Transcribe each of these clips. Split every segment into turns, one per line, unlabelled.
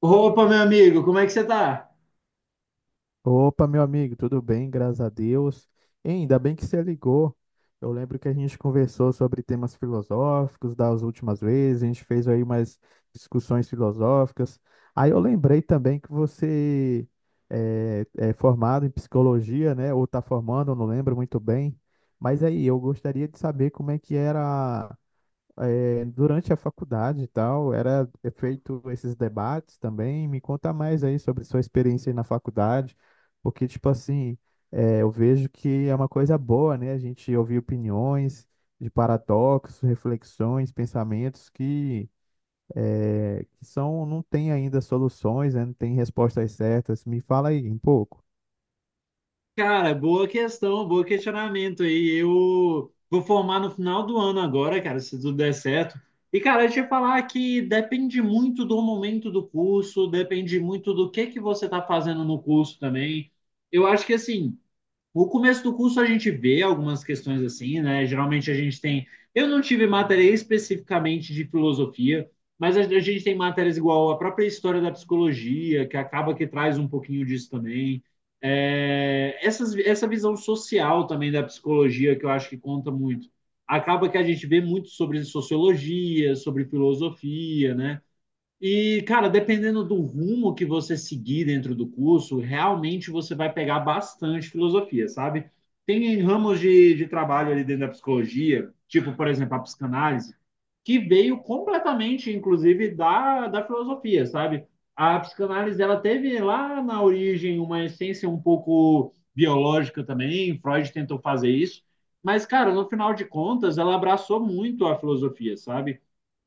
Opa, meu amigo, como é que você tá?
Opa, meu amigo, tudo bem? Graças a Deus. Hein, ainda bem que você ligou. Eu lembro que a gente conversou sobre temas filosóficos das últimas vezes, a gente fez aí umas discussões filosóficas. Aí eu lembrei também que você é formado em psicologia, né? Ou está formando, eu não lembro muito bem. Mas aí, eu gostaria de saber como é que era durante a faculdade e tal, era é feito esses debates também. Me conta mais aí sobre sua experiência aí na faculdade, porque, tipo assim, eu vejo que é uma coisa boa, né? A gente ouvir opiniões de paradoxos, reflexões, pensamentos que, que são, não tem ainda soluções, né? Não tem respostas certas. Me fala aí um pouco.
Cara, boa questão, bom questionamento aí. Eu vou formar no final do ano agora, cara, se tudo der certo. E, cara, deixa eu te falar que depende muito do momento do curso, depende muito do que você tá fazendo no curso também. Eu acho que, assim, no começo do curso a gente vê algumas questões assim, né? Geralmente a gente tem. Eu não tive matéria especificamente de filosofia, mas a gente tem matérias igual a própria história da psicologia, que acaba que traz um pouquinho disso também. É, essa visão social também da psicologia, que eu acho que conta muito. Acaba que a gente vê muito sobre sociologia, sobre filosofia, né? E, cara, dependendo do rumo que você seguir dentro do curso, realmente você vai pegar bastante filosofia, sabe? Tem ramos de trabalho ali dentro da psicologia, tipo, por exemplo, a psicanálise, que veio completamente, inclusive, da filosofia, sabe? A psicanálise, ela teve lá na origem uma essência um pouco biológica também, Freud tentou fazer isso, mas, cara, no final de contas, ela abraçou muito a filosofia, sabe?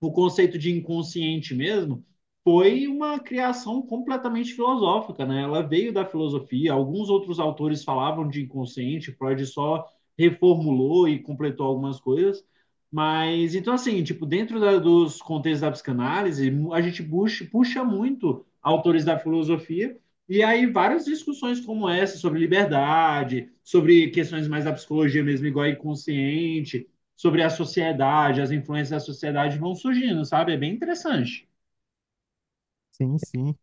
O conceito de inconsciente mesmo foi uma criação completamente filosófica, né? Ela veio da filosofia. Alguns outros autores falavam de inconsciente, Freud só reformulou e completou algumas coisas. Mas então assim, tipo, dentro dos contextos da psicanálise, a gente puxa muito autores da filosofia e aí várias discussões como essa sobre liberdade, sobre questões mais da psicologia mesmo, igual inconsciente, sobre a sociedade, as influências da sociedade vão surgindo, sabe? É bem interessante.
Sim, sim,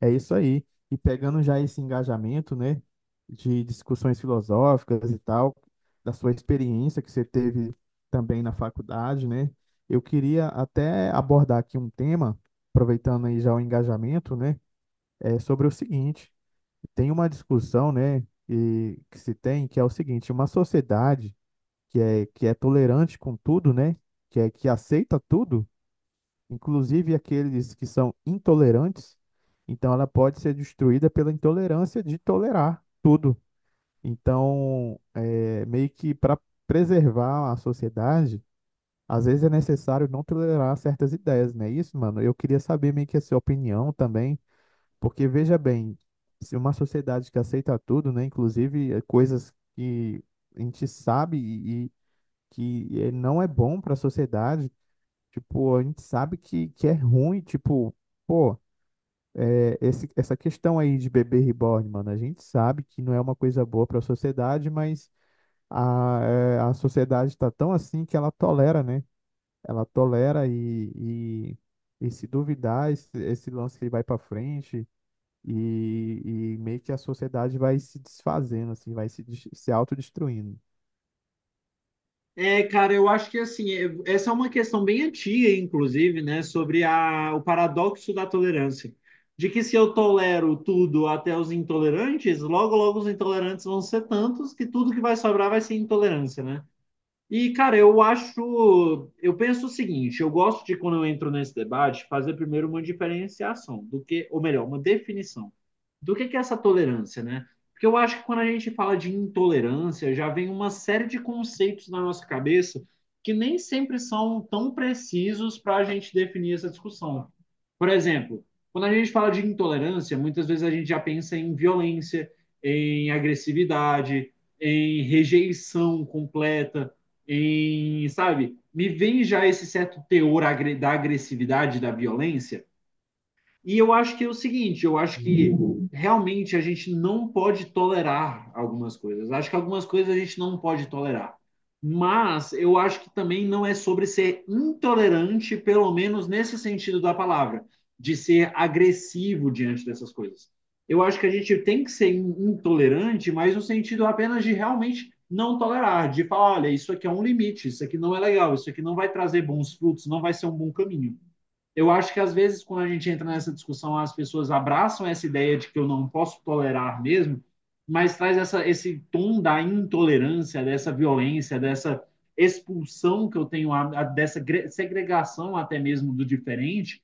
é isso aí. E pegando já esse engajamento, né, de discussões filosóficas e tal, da sua experiência que você teve também na faculdade, né, eu queria até abordar aqui um tema, aproveitando aí já o engajamento, né, é sobre o seguinte: tem uma discussão, né, e que se tem, que é o seguinte, uma sociedade que é tolerante com tudo, né, que é que aceita tudo inclusive aqueles que são intolerantes. Então, ela pode ser destruída pela intolerância de tolerar tudo. Então, é, meio que para preservar a sociedade, às vezes é necessário não tolerar certas ideias, né, isso, mano? Eu queria saber meio que a sua opinião também, porque veja bem, se uma sociedade que aceita tudo, né, inclusive coisas que a gente sabe e que não é bom para a sociedade, tipo, a gente sabe que é ruim, tipo, pô, é, essa questão aí de bebê reborn, mano, a gente sabe que não é uma coisa boa pra sociedade, mas a, é, a sociedade tá tão assim que ela tolera, né? Ela tolera e, e se duvidar, esse lance que vai pra frente e, e meio que a sociedade vai se desfazendo, assim, vai se, se autodestruindo.
É, cara, eu acho que assim, essa é uma questão bem antiga, inclusive, né, sobre o paradoxo da tolerância. De que se eu tolero tudo até os intolerantes, logo os intolerantes vão ser tantos que tudo que vai sobrar vai ser intolerância, né? E, cara, eu acho. Eu penso o seguinte: eu gosto de, quando eu entro nesse debate, fazer primeiro uma diferenciação do que, ou melhor, uma definição do que é essa tolerância, né? Porque eu acho que quando a gente fala de intolerância, já vem uma série de conceitos na nossa cabeça que nem sempre são tão precisos para a gente definir essa discussão. Por exemplo, quando a gente fala de intolerância, muitas vezes a gente já pensa em violência, em agressividade, em rejeição completa em, sabe, me vem já esse certo teor da agressividade, da violência, e eu acho que é o seguinte, eu acho
Hum.
que realmente a gente não pode tolerar algumas coisas. Acho que algumas coisas a gente não pode tolerar. Mas eu acho que também não é sobre ser intolerante, pelo menos nesse sentido da palavra, de ser agressivo diante dessas coisas. Eu acho que a gente tem que ser intolerante, mas no sentido apenas de realmente não tolerar, de falar, olha, isso aqui é um limite, isso aqui não é legal, isso aqui não vai trazer bons frutos, não vai ser um bom caminho. Eu acho que às vezes quando a gente entra nessa discussão, as pessoas abraçam essa ideia de que eu não posso tolerar mesmo, mas traz esse tom da intolerância, dessa violência, dessa expulsão que eu tenho, dessa segregação até mesmo do diferente,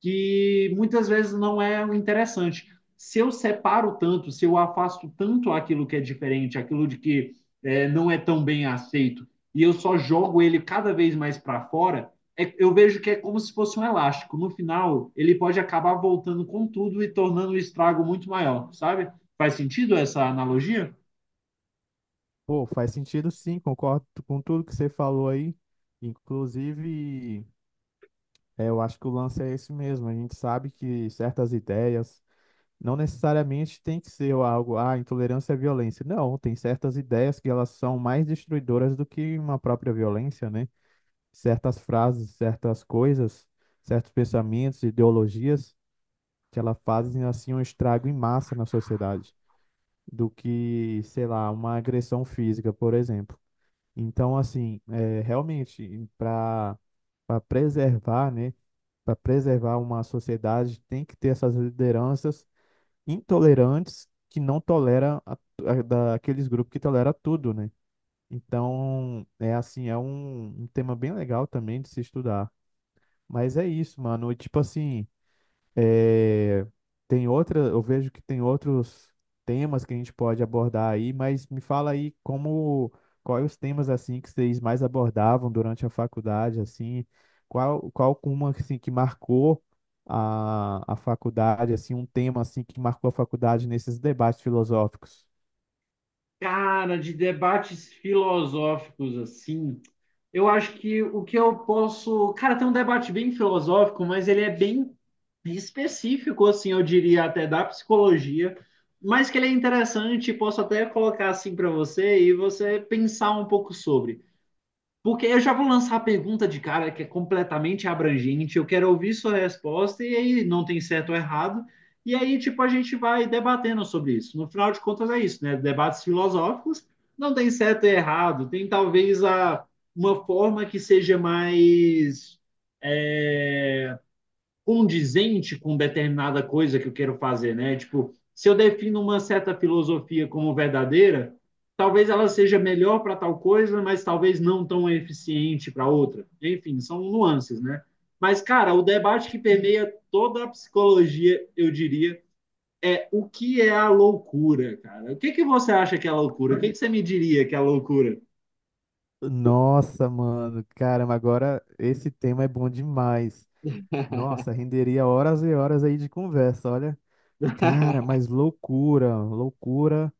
que muitas vezes não é interessante. Se eu separo tanto, se eu afasto tanto aquilo que é diferente, aquilo de que é, não é tão bem aceito, e eu só jogo ele cada vez mais para fora, é, eu vejo que é como se fosse um elástico. No final, ele pode acabar voltando com tudo e tornando o estrago muito maior, sabe? Faz sentido essa analogia?
Pô, faz sentido sim, concordo com tudo que você falou aí, inclusive. É, eu acho que o lance é esse mesmo. A gente sabe que certas ideias não necessariamente tem que ser algo, ah, intolerância é violência. Não, tem certas ideias que elas são mais destruidoras do que uma própria violência, né? Certas frases, certas coisas, certos pensamentos, ideologias que elas fazem assim um estrago em massa na sociedade, do que, sei lá, uma agressão física, por exemplo. Então, assim, é, realmente, para preservar, né, para preservar uma sociedade, tem que ter essas lideranças intolerantes que não toleram daqueles grupos que toleram tudo, né? Então, é assim, é um tema bem legal também de se estudar. Mas é isso, mano. E, tipo assim, é, tem outra, eu vejo que tem outros temas que a gente pode abordar aí, mas me fala aí como, quais os temas assim que vocês mais abordavam durante a faculdade, assim, qual uma assim que marcou a faculdade, assim, um tema assim que marcou a faculdade nesses debates filosóficos?
Cara, de debates filosóficos assim, eu acho que o que eu posso. Cara, tem um debate bem filosófico, mas ele é bem específico, assim, eu diria, até da psicologia, mas que ele é interessante, posso até colocar assim para você e você pensar um pouco sobre. Porque eu já vou lançar a pergunta de cara que é completamente abrangente. Eu quero ouvir sua resposta e aí não tem certo ou errado. E aí, tipo, a gente vai debatendo sobre isso. No final de contas, é isso, né? Debates filosóficos não tem certo e errado. Tem talvez a, uma forma que seja mais é, condizente com determinada coisa que eu quero fazer, né? Tipo, se eu defino uma certa filosofia como verdadeira, talvez ela seja melhor para tal coisa, mas talvez não tão eficiente para outra. Enfim, são nuances, né? Mas, cara, o debate que permeia toda a psicologia, eu diria, é o que é a loucura, cara? O que, que você acha que é a loucura? O que, que você me diria que é a loucura?
Nossa, mano, caramba, agora esse tema é bom demais. Nossa, renderia horas e horas aí de conversa, olha. Cara, mas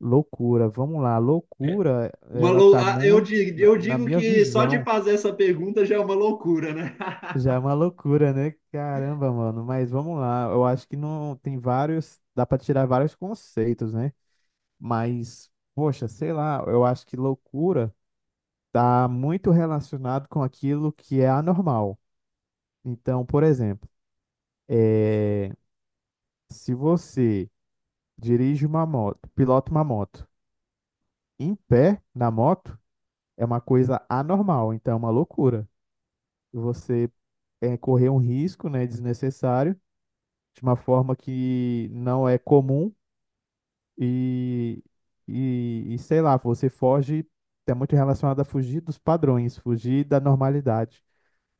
loucura. Vamos lá, loucura,
Uma
ela
lou...
tá muito,
digo, eu
na
digo
minha
que só de
visão,
fazer essa pergunta já é uma loucura, né?
já é uma loucura, né? Caramba, mano, mas vamos lá. Eu acho que não tem vários, dá pra tirar vários conceitos, né? Mas, poxa, sei lá, eu acho que loucura tá muito relacionado com aquilo que é anormal. Então, por exemplo, é, se você dirige uma moto, pilota uma moto em pé na moto, é uma coisa anormal, então é uma loucura. Você é, correr um risco, né, desnecessário, de uma forma que não é comum e, e sei lá, você foge, é muito relacionado a fugir dos padrões, fugir da normalidade.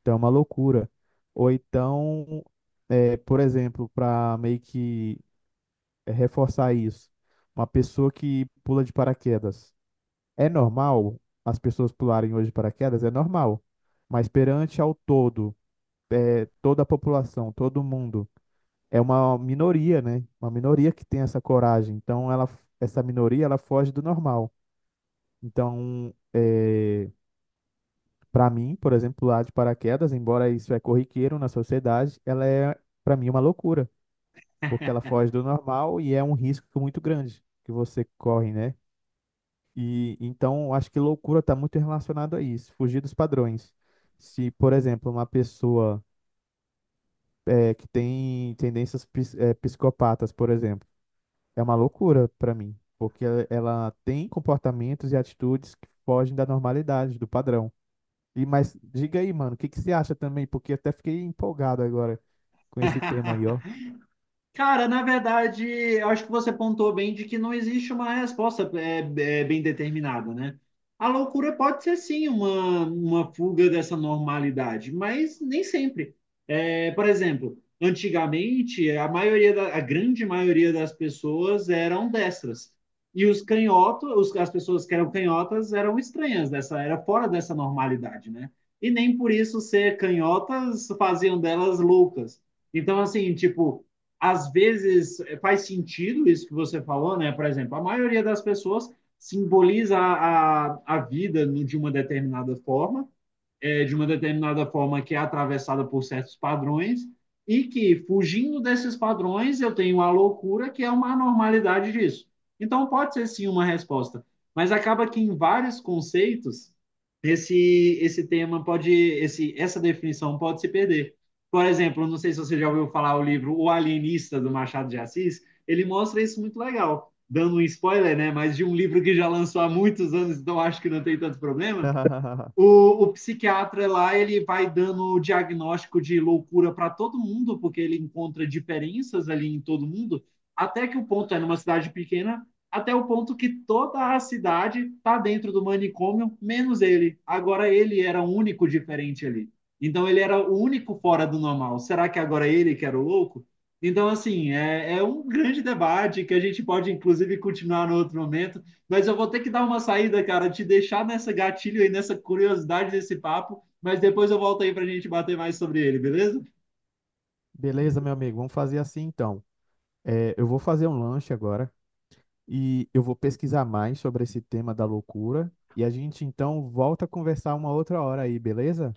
Então é uma loucura. Ou então, é, por exemplo, para meio que é, reforçar isso, uma pessoa que pula de paraquedas. É normal as pessoas pularem hoje de paraquedas? É normal. Mas perante ao todo, é, toda a população, todo mundo, é uma minoria, né? Uma minoria que tem essa coragem. Então, ela, essa minoria, ela foge do normal. Então, é, para mim, por exemplo, pular de paraquedas, embora isso é corriqueiro na sociedade, ela é, para mim, uma loucura. Porque ela foge do normal e é um risco muito grande que você corre, né? E então acho que loucura está muito relacionado a isso, fugir dos padrões. Se, por exemplo, uma pessoa é, que tem tendências psicopatas, por exemplo, é uma loucura para mim, porque ela tem comportamentos e atitudes que fogem da normalidade, do padrão. E mas diga aí, mano, o que que você acha também? Porque até fiquei empolgado agora com esse tema aí, ó.
Cara, na verdade, eu acho que você pontuou bem de que não existe uma resposta bem determinada, né? A loucura pode ser sim uma fuga dessa normalidade, mas nem sempre. É, por exemplo, antigamente, a maioria a grande maioria das pessoas eram destras. E os canhotos, as pessoas que eram canhotas eram estranhas dessa, era fora dessa normalidade, né? E nem por isso ser canhotas faziam delas loucas. Então, assim, tipo às vezes é, faz sentido isso que você falou, né? Por exemplo, a maioria das pessoas simboliza vida de uma determinada forma, é, de uma determinada forma que é atravessada por certos padrões e que, fugindo desses padrões, eu tenho a loucura que é uma anormalidade disso. Então, pode ser sim uma resposta, mas acaba que em vários conceitos esse tema pode esse essa definição pode se perder. Por exemplo, não sei se você já ouviu falar o livro O Alienista do Machado de Assis, ele mostra isso muito legal, dando um spoiler, né, mas de um livro que já lançou há muitos anos, então acho que não tem tanto problema, o psiquiatra lá ele vai dando o diagnóstico de loucura para todo mundo, porque ele encontra diferenças ali em todo mundo, até que o ponto é numa cidade pequena, até o ponto que toda a cidade tá dentro do manicômio, menos ele. Agora ele era o único diferente ali. Então ele era o único fora do normal. Será que agora ele que era o louco? Então, assim, é, é um grande debate que a gente pode, inclusive, continuar no outro momento, mas eu vou ter que dar uma saída, cara, te deixar nessa gatilho aí, nessa curiosidade desse papo, mas depois eu volto aí para a gente bater mais sobre ele, beleza?
Beleza, meu amigo, vamos fazer assim então. É, eu vou fazer um lanche agora. E eu vou pesquisar mais sobre esse tema da loucura e a gente então volta a conversar uma outra hora aí, beleza?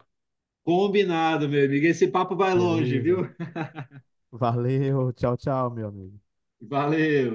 Combinado, meu amigo. Esse papo vai longe,
Beleza.
viu?
Valeu, tchau, tchau, meu amigo.
Valeu!